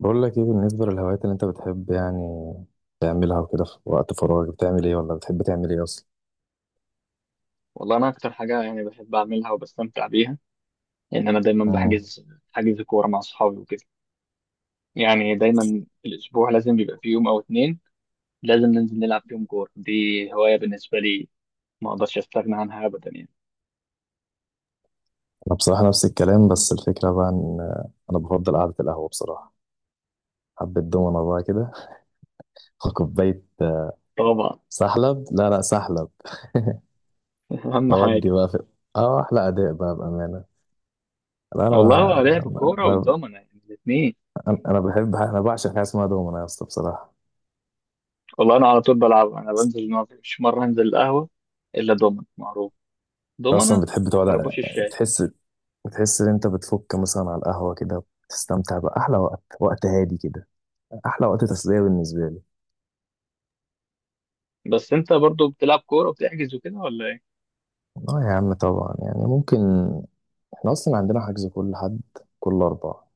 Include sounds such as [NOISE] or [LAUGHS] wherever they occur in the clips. بقول لك ايه بالنسبة للهوايات اللي انت بتحب يعني تعملها وكده في وقت فراغك؟ بتعمل ايه ولا بتحب تعمل ايه اصلا؟ والله انا اكتر حاجه يعني بحب اعملها وبستمتع بيها ان انا دايما مم. بحجز كوره مع اصحابي وكده. يعني دايما في الاسبوع لازم بيبقى في يوم او اتنين لازم ننزل نلعب فيهم كوره. دي هوايه بالنسبه لي ما اقدرش استغنى عنها ابدا يعني. انا بصراحة نفس الكلام، بس الفكرة بقى ان انا بفضل قعدة القهوة بصراحة، حبة دومنة بقى كده [LAUGHS] وكوباية طبعا. سحلب، لا لا سحلب، [LAUGHS] [LAUGHS] اهم حاجه. اودي بقى في اه احلى اداء بقى بامانه. لا، والله هو لعب الكوره انا والضمنه يعني الاثنين. انا بعشق حاجه اسمها دومنه يا اسطى بصراحه. والله انا على طول بلعب، انا بنزل ما فيش مره انزل القهوه الا ضمن معروف. أنت اصلا ضمنه بتحب تقعد، وخربوش الشاي. تحس بتحس ان انت بتفك مثلا على القهوة كده، بتستمتع بأحلى وقت هادي كده. أحلى وقت تسلية بالنسبة لي. بس انت برضو بتلعب كوره وبتحجز وكده ولا ايه؟ اه يا عم طبعا يعني ممكن، احنا أصلا عندنا حجز كل أربعة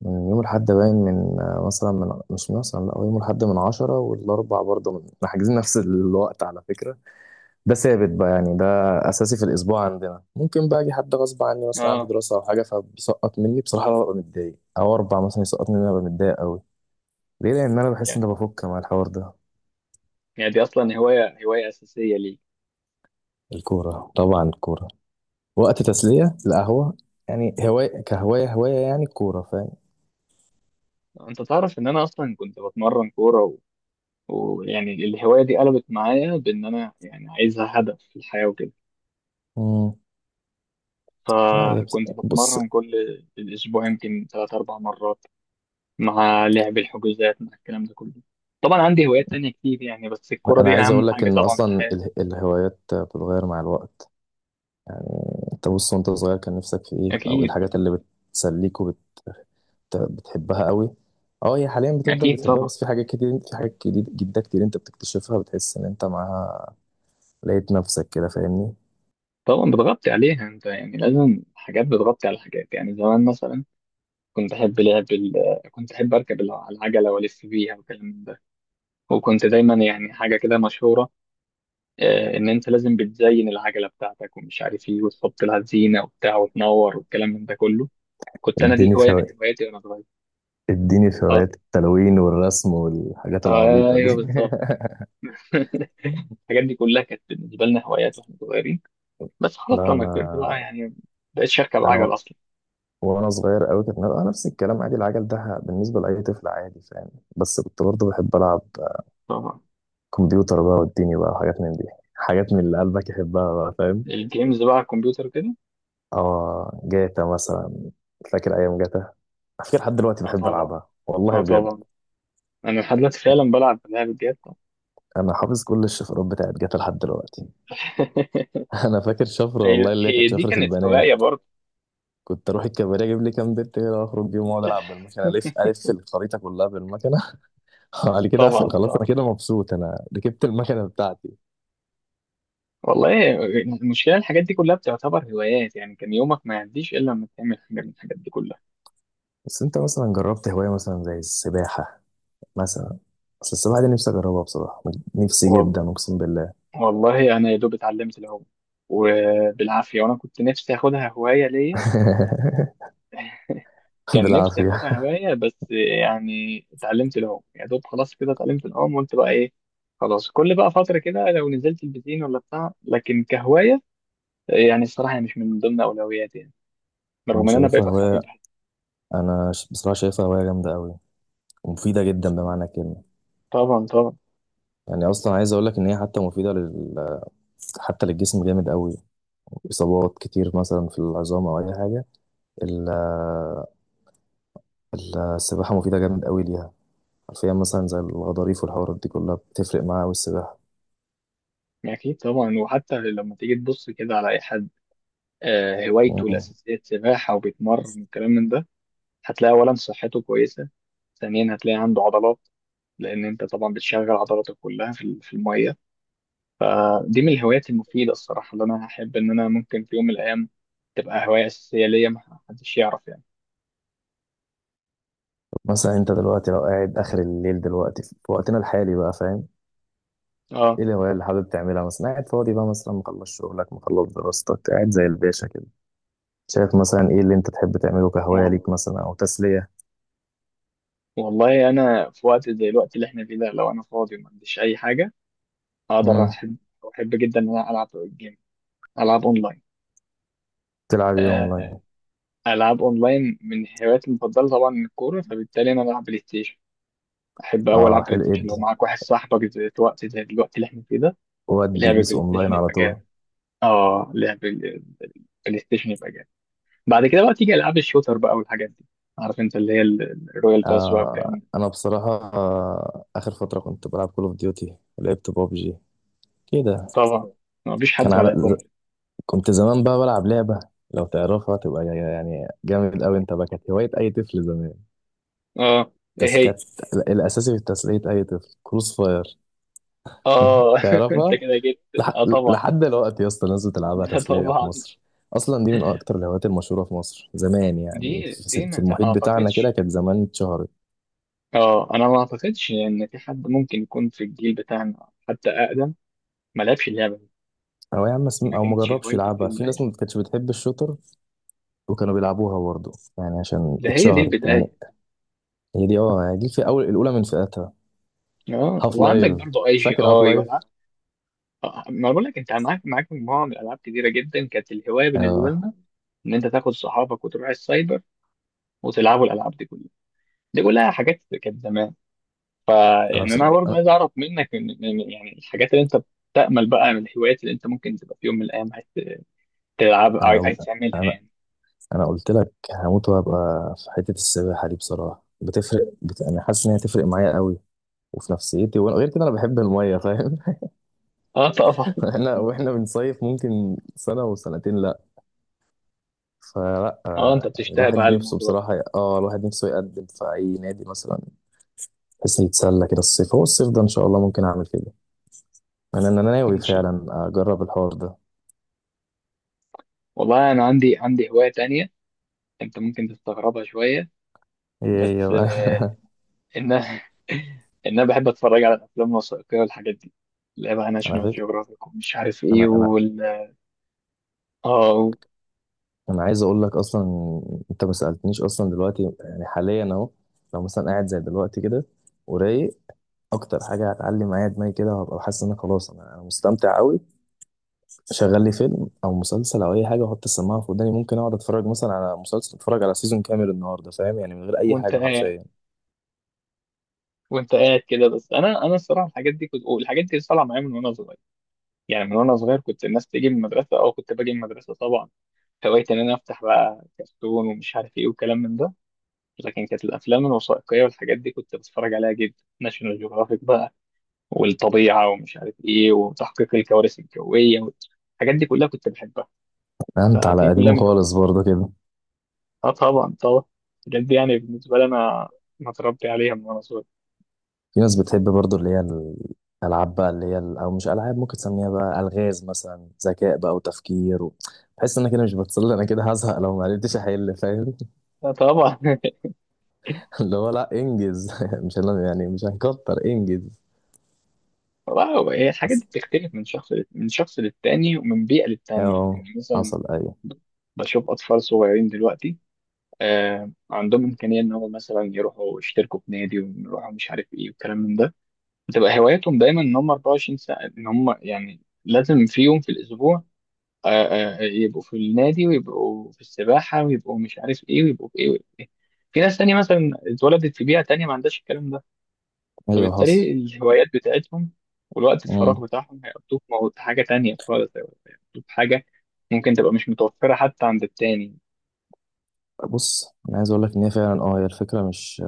من يوم الحد، باين من مثلا من مش مثلا لا، هو يوم الحد من عشرة والأربع برضه من [LAUGHS] احنا حاجزين نفس الوقت على فكرة. ده ثابت بقى يعني، ده أساسي في الأسبوع عندنا. ممكن بقى أجي حد غصب عني مثلا عندي اه، دراسة أو حاجة، فبيسقط مني، بصراحة أنا ببقى متضايق، أو أربعة مثلا يسقط مني أنا ببقى متضايق أوي. ليه؟ لأن أنا بحس إن أنا بفك مع الحوار ده. يعني دي اصلا هوايه اساسيه ليك. الكورة طبعا الكورة، وقت تسلية القهوة، يعني هواية كهواية يعني الكورة، فاهم. انت تعرف ان انا اصلا كنت بتمرن كوره و... ويعني الهوايه دي قلبت معايا بان انا يعني عايزها هدف في الحياه وكده. مم. لا، هي بص فكنت بص، بتمرن كل الاسبوع يمكن ثلاث اربع مرات مع لعب الحجوزات مع الكلام ده كله. طبعا عندي هوايات تانية كتير يعني، بس الكوره أنا دي عايز اهم أقول لك حاجه إن طبعا في أصلا الحياه. الهوايات بتتغير مع الوقت. أنت بص، وأنت صغير كان نفسك في إيه أو إيه اكيد. الحاجات اللي بتسليك وبتحبها قوي؟ أه هي حاليا بتفضل اكيد بتحبها، طبعا. بس في حاجات كتير جدا كتير أنت بتكتشفها، بتحس إن أنت معاها لقيت نفسك كده، فاهمني. طبعا بتغطي عليها انت، يعني لازم حاجات بتغطي على حاجات. يعني زمان مثلا كنت أحب لعب ال... كنت أحب أركب العجلة وألف بيها والكلام من ده. وكنت دايما يعني حاجة كده مشهورة، إن أنت لازم بتزين العجلة بتاعتك ومش عارف إيه وتحط لها زينة وبتاع وتنور والكلام من ده كله. كنت أنا دي اديني في هواية من هوايات هواياتي وأنا صغير. اديني في آه. هوايات التلوين والرسم والحاجات العبيطة دي. أيوه بالظبط. [LAUGHS] [LAUGHS] الحاجات دي كلها كانت بالنسبة لنا هوايات واحنا صغيرين. بس خلاص لا، لما كبرت بقى يعني مبقتش أركب انا عجل و- أصلا. وانا صغير قوي كانت نبقى نفس الكلام عادي، العجل ده بالنسبه لاي طفل عادي فاهم. بس كنت برضه بحب العب طبعا. كمبيوتر بقى والدنيا بقى وحاجات من دي، حاجات من اللي قلبك يحبها بقى فاهم. الجيمز بقى على الكمبيوتر كده. اه جاتا مثلا، فاكر ايام جاتا، على فكره لحد دلوقتي اه بحب طبعا. العبها والله اه بجد. طبعا. انا لحد دلوقتي فعلا بلعب الجيات. انا حافظ كل الشفرات بتاعت جاتا لحد دلوقتي. [LAUGHS] [LAUGHS] انا فاكر شفره هي والله اللي هي هي كانت دي شفره كانت هواية البنات، برضه. كنت اروح الكباريه اجيب لي كام بنت كده واخرج بيهم واقعد العب بالمكنه الف [LAUGHS] الف الخريطه كلها بالمكنه. [LAUGHS] على كده اقفل، طبعا خلاص انا طبعا. كده مبسوط، انا ركبت المكنه بتاعتي. والله المشكلة الحاجات دي كلها بتعتبر هوايات، يعني كان يومك ما يعديش إلا لما تعمل حاجة من الحاجات دي كلها. بس انت مثلا جربت هوايه مثلا زي السباحه مثلا؟ بس السباحه دي نفسي اجربها بصراحه، نفسي والله. جدا اقسم بالله. والله أنا يا دوب اتعلمت العوم، وبالعافية، وأنا كنت نفسي آخدها هواية ليا. [LAUGHS] كان نفسي بالعافيه. آخدها هواية بس. يعني اتعلمت العوم يا دوب، خلاص كده اتعلمت العوم وقلت بقى إيه، خلاص كل بقى فترة كده لو نزلت البسين ولا بتاع، لكن كهواية يعني الصراحة هي مش من ضمن أولوياتي يعني، انا رغم إن أنا شايفها ببقى هوايه، حاببها. بصراحه شايفها هوايه جامده قوي ومفيده جدا بمعنى الكلمه. طبعا طبعا. يعني اصلا عايز اقول لك ان هي حتى مفيده حتى للجسم جامد قوي. اصابات كتير مثلا في العظام او اي حاجه، ال... السباحه مفيده جامد قوي ليها، حرفيا مثلا زي الغضاريف والحوارات دي كلها بتفرق معاه والسباحة. اكيد طبعا. وحتى لما تيجي تبص كده على اي حد هوايته مم. الاساسيه سباحه وبيتمرن والكلام من ده، هتلاقي اولا صحته كويسه، ثانيا هتلاقي عنده عضلات. لان انت طبعا بتشغل عضلاتك كلها في في الميه. دي من الهوايات المفيده الصراحه اللي انا هحب ان انا ممكن في يوم من الايام تبقى هوايه اساسيه ليا. ما حدش يعرف يعني. مثلا انت دلوقتي لو قاعد اخر الليل دلوقتي في وقتنا الحالي بقى فاهم، اه. ايه الهواية اللي حابب تعملها مثلا؟ قاعد فاضي بقى مثلا، مخلص شغلك، مخلص دراستك، قاعد زي الباشا كده، شايف مثلا ايه اللي انت تحب تعمله كهواية والله. ليك مثلا او تسلية؟ والله انا في وقت زي الوقت اللي احنا فيه ده لو انا فاضي وما عنديش اي حاجه، اقدر مم. احب جدا ان انا العب جيم، العب اونلاين. تلعب ايه آه، اونلاين؟ العاب اونلاين من هواياتي المفضله. طبعا الكوره فبالتالي انا بلعب بلاي ستيشن. احب اوي اه العب بلاي حلو. ستيشن ادي لو معاك واحد صاحبك في وقت زي الوقت اللي احنا فيه ده. ودي لعب بيس بلاي اونلاين ستيشن على يبقى طول. جامد. اه لعب ال- البلاي ستيشن يبقى جامد. بعد كده بقى تيجي العاب الشوتر بقى والحاجات دي، عارف انت اللي هي الرويال باس بقى والكلام ده. انا بصراحة اخر فترة كنت بلعب كول اوف ديوتي، لعبت بابجي كده. طبعا. ما فيش كان حد ما على لعبهمش. كنت زمان بقى بلعب لعبة، لو تعرفها تبقى يعني جامد أوي أنت بقى، كانت هواية أي طفل زمان. اه. ايه بس هي؟ كانت الأساسي في تسلية أي طفل، كروس فاير. [LAUGHS] اه [LAUGHS] انت تعرفها؟ كده جيت. لح... اه طبعا. لحد دلوقتي يا اسطى الناس [LAUGHS] بتلعبها لا تسلية في طبعا. مصر. أصلا دي من أكتر الهوايات المشهورة في مصر زمان، يعني دي في ما المحيط بتاعنا كده اعتقدش. كانت زمان اتشهرت. اه انا ما اعتقدش ان في حد ممكن يكون في الجيل بتاعنا حتى اقدم ما لعبش اللعبه دي. أو يا عم ما أو كانتش مجربش هوايته في يلعبها، يوم من في ناس الايام. ما كانتش بتحب الشوتر وكانوا بيلعبوها برضه يعني، عشان ده هي دي اتشهرت يعني. البدايه. هي دي في أول، الأولى من فئتها. اه. هاف وعندك لايف، برضه اي جي فاكر هاف اي لايف. ولا؟ ما بقول لك انت، معاك مجموعه من الالعاب كتيره جدا كانت الهوايه بالنسبه اه لنا، ان انت تاخد صحابك وتروح السايبر وتلعبوا الالعاب دي كلها. دي كلها حاجات كانت زمان. انا فيعني انا بصراحة برضه انا عايز اعرف منك، يعني الحاجات اللي انت بتأمل بقى من الهوايات اللي انت ممكن تبقى في يوم من الايام عايز تلعب، انا عايز تعملها انا يعني. أنا قلت لك، هموت وهبقى في حتة السباحة دي بصراحة، بتفرق انا حاسس ان هي تفرق معايا قوي وفي نفسيتي، وانا غير كده انا بحب المية فاهم. اه. تقف. [LAUGHS] احنا واحنا بنصيف ممكن سنة وسنتين، لا، فلا، اه انت يعني بتشتاق بقى الواحد نفسه الموضوع ده. بصراحة، الواحد نفسه يقدم في اي نادي مثلا، بحيث يتسلى كده الصيف. هو الصيف ده ان شاء الله ممكن اعمل كده، انا ناوي ان شاء فعلا الله. اجرب الحوار ده. والله انا عندي هوايه تانية انت ممكن تستغربها شويه ايه ايه؟ بس، [LAUGHS] ان [LAUGHS] انا ان انا بحب اتفرج على الافلام الوثائقيه والحاجات دي، اللي هي بقى أنا ناشونال فاكر جيوغرافيك ومش عارف ايه انا انا وال... اه. و... انا عايز اقول لك اصلا، انت ما سالتنيش اصلا دلوقتي يعني حاليا اهو، لو مثلا قاعد زي دلوقتي كده ورايق، اكتر حاجه هتعلي معايا دماغي كده وهبقى حاسس ان أنا خلاص، أنا مستمتع قوي. شغل لي فيلم او مسلسل او اي حاجه واحط السماعه في وداني، ممكن اقعد اتفرج مثلا على مسلسل، اتفرج على سيزون كامل النهارده فاهم يعني، من غير اي وانت حاجه قاعد حرفيا. وانت قاعد كده. بس انا الصراحه الحاجات دي كنت، والحاجات دي طالعه معايا من وانا صغير. يعني من وانا صغير كنت الناس تيجي من المدرسه، او كنت باجي من المدرسه طبعا هوايتي ان انا افتح بقى كرتون ومش عارف ايه وكلام من ده. لكن كانت الافلام الوثائقيه والحاجات دي كنت بتفرج عليها جدا. ناشونال جيوغرافيك بقى، والطبيعه ومش عارف ايه، وتحقيق الكوارث الجويه، الحاجات دي كلها كنت بحبها. انت فدي على كلها قديمه من هواياتي. خالص برضه كده. اه طبعا طبعا. الحاجات دي يعني بالنسبه لي انا متربي عليها من وانا صغير. في ناس بتحب برضو اللي هي الألعاب بقى، اللي هي أو مش ألعاب ممكن تسميها بقى ألغاز مثلا، ذكاء بقى وتفكير. بحس إن أنا كده مش بتصل، أنا كده هزهق لو ما عرفتش أحل فاهم. اه طبعا. [LAUGHS] [LAUGHS] اللي هو لأ إنجز، [LAUGHS] مش يعني مش هنكتر إنجز. واو. هي الحاجات دي أصل، بتختلف من شخص، للتاني ومن بيئه للتانيه. أه يعني مثلا حصل، أيوه بشوف اطفال صغيرين دلوقتي عندهم امكانيه ان هم مثلا يروحوا يشتركوا في نادي، ويروحوا مش عارف ايه والكلام من ده. بتبقى هواياتهم دايما ان هم 24 ساعه ان هم، يعني لازم في يوم في الاسبوع، يبقوا في النادي، ويبقوا في السباحه، ويبقوا مش عارف ايه، ويبقوا في ايه، ويبقوا في ايه. في ناس تانية مثلا اتولدت في بيئه تانية ما عندهاش الكلام ده، أيوه فبالتالي حصل. الهوايات بتاعتهم والوقت الفراغ مم. بتاعهم هيقضوه في في حاجه تانية خالص. هيقضوه في حاجه ممكن تبقى مش متوفره حتى عند التاني. بص أنا عايز أقول لك إن هي فعلا، هي الفكرة مش،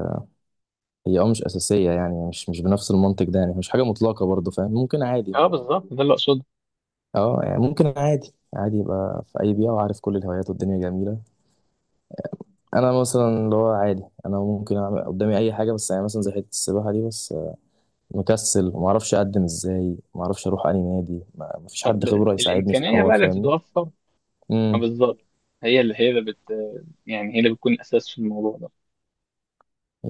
هي مش أساسية، يعني مش بنفس المنطق ده، يعني مش حاجة مطلقة برضو فاهم ممكن عادي. اه بالظبط، ده اللي اقصده. أه يعني ممكن عادي عادي يبقى في أي بيئة، وعارف كل الهوايات والدنيا جميلة. انا مثلا اللي هو عادي، انا ممكن اعمل قدامي اي حاجه، بس يعني مثلا زي حته السباحه دي بس، مكسل وما اعرفش اقدم ازاي، ما اعرفش اروح اي نادي، ما فيش حد طب خبره يساعدني في الامكانيه الحوار بقى اللي فاهمني. بتتوفر، امم بالظبط، هي اللي هي اللي بت يعني هي اللي بتكون الاساس في الموضوع ده.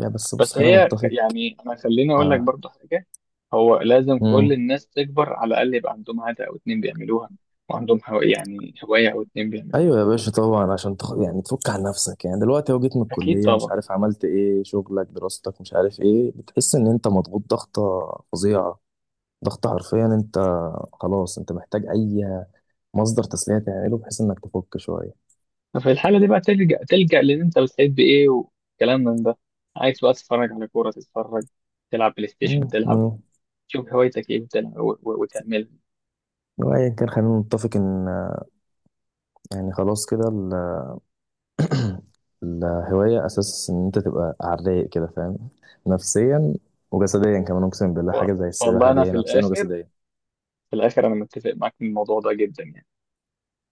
يا بس بص بس خلينا نتفق. يعني انا خليني اقول لك اه. برضه حاجه، هو لازم كل امم. الناس تكبر على الاقل يبقى عندهم عاده او اتنين بيعملوها، وعندهم هو يعني هوايه او اتنين بيعملوها. ايوه يا باشا طبعا، عشان يعني تفك عن نفسك، يعني دلوقتي اهو جيت من اكيد الكليه مش طبعا. عارف عملت ايه، شغلك دراستك مش عارف ايه، بتحس ان انت مضغوط ضغطه فظيعه، ضغط حرفيا انت، خلاص انت محتاج اي مصدر تسليه تعمله بحيث انك تفك شويه. ففي الحاله دي بقى تلجأ، لان انت بتحب ايه وكلام من ده. عايز بقى تتفرج على كوره تتفرج، تلعب بلاي ستيشن مم. تلعب، مم. شوف هوايتك ايه وتلعب وتعملها. وايا كان خلينا نتفق ان، يعني خلاص كده الهوايه اساس ان انت تبقى على الرايق كده فاهم، نفسيا. وجسديا كمان اقسم بالله، و- حاجه زي السباحه والله دي انا هي في نفسيا الاخر، وجسديا، انا متفق معاك في الموضوع ده جدا يعني.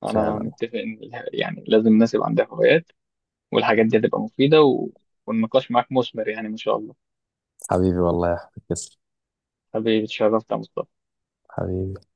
انا فعلا. متفق ان يعني لازم الناس يبقى عندها هوايات، والحاجات دي هتبقى مفيدة و... والنقاش معاك مثمر يعني، ما شاء الله. حبيبي والله يا احمد، تسلم حبيبي اتشرفت يا مصطفى. حبيبي.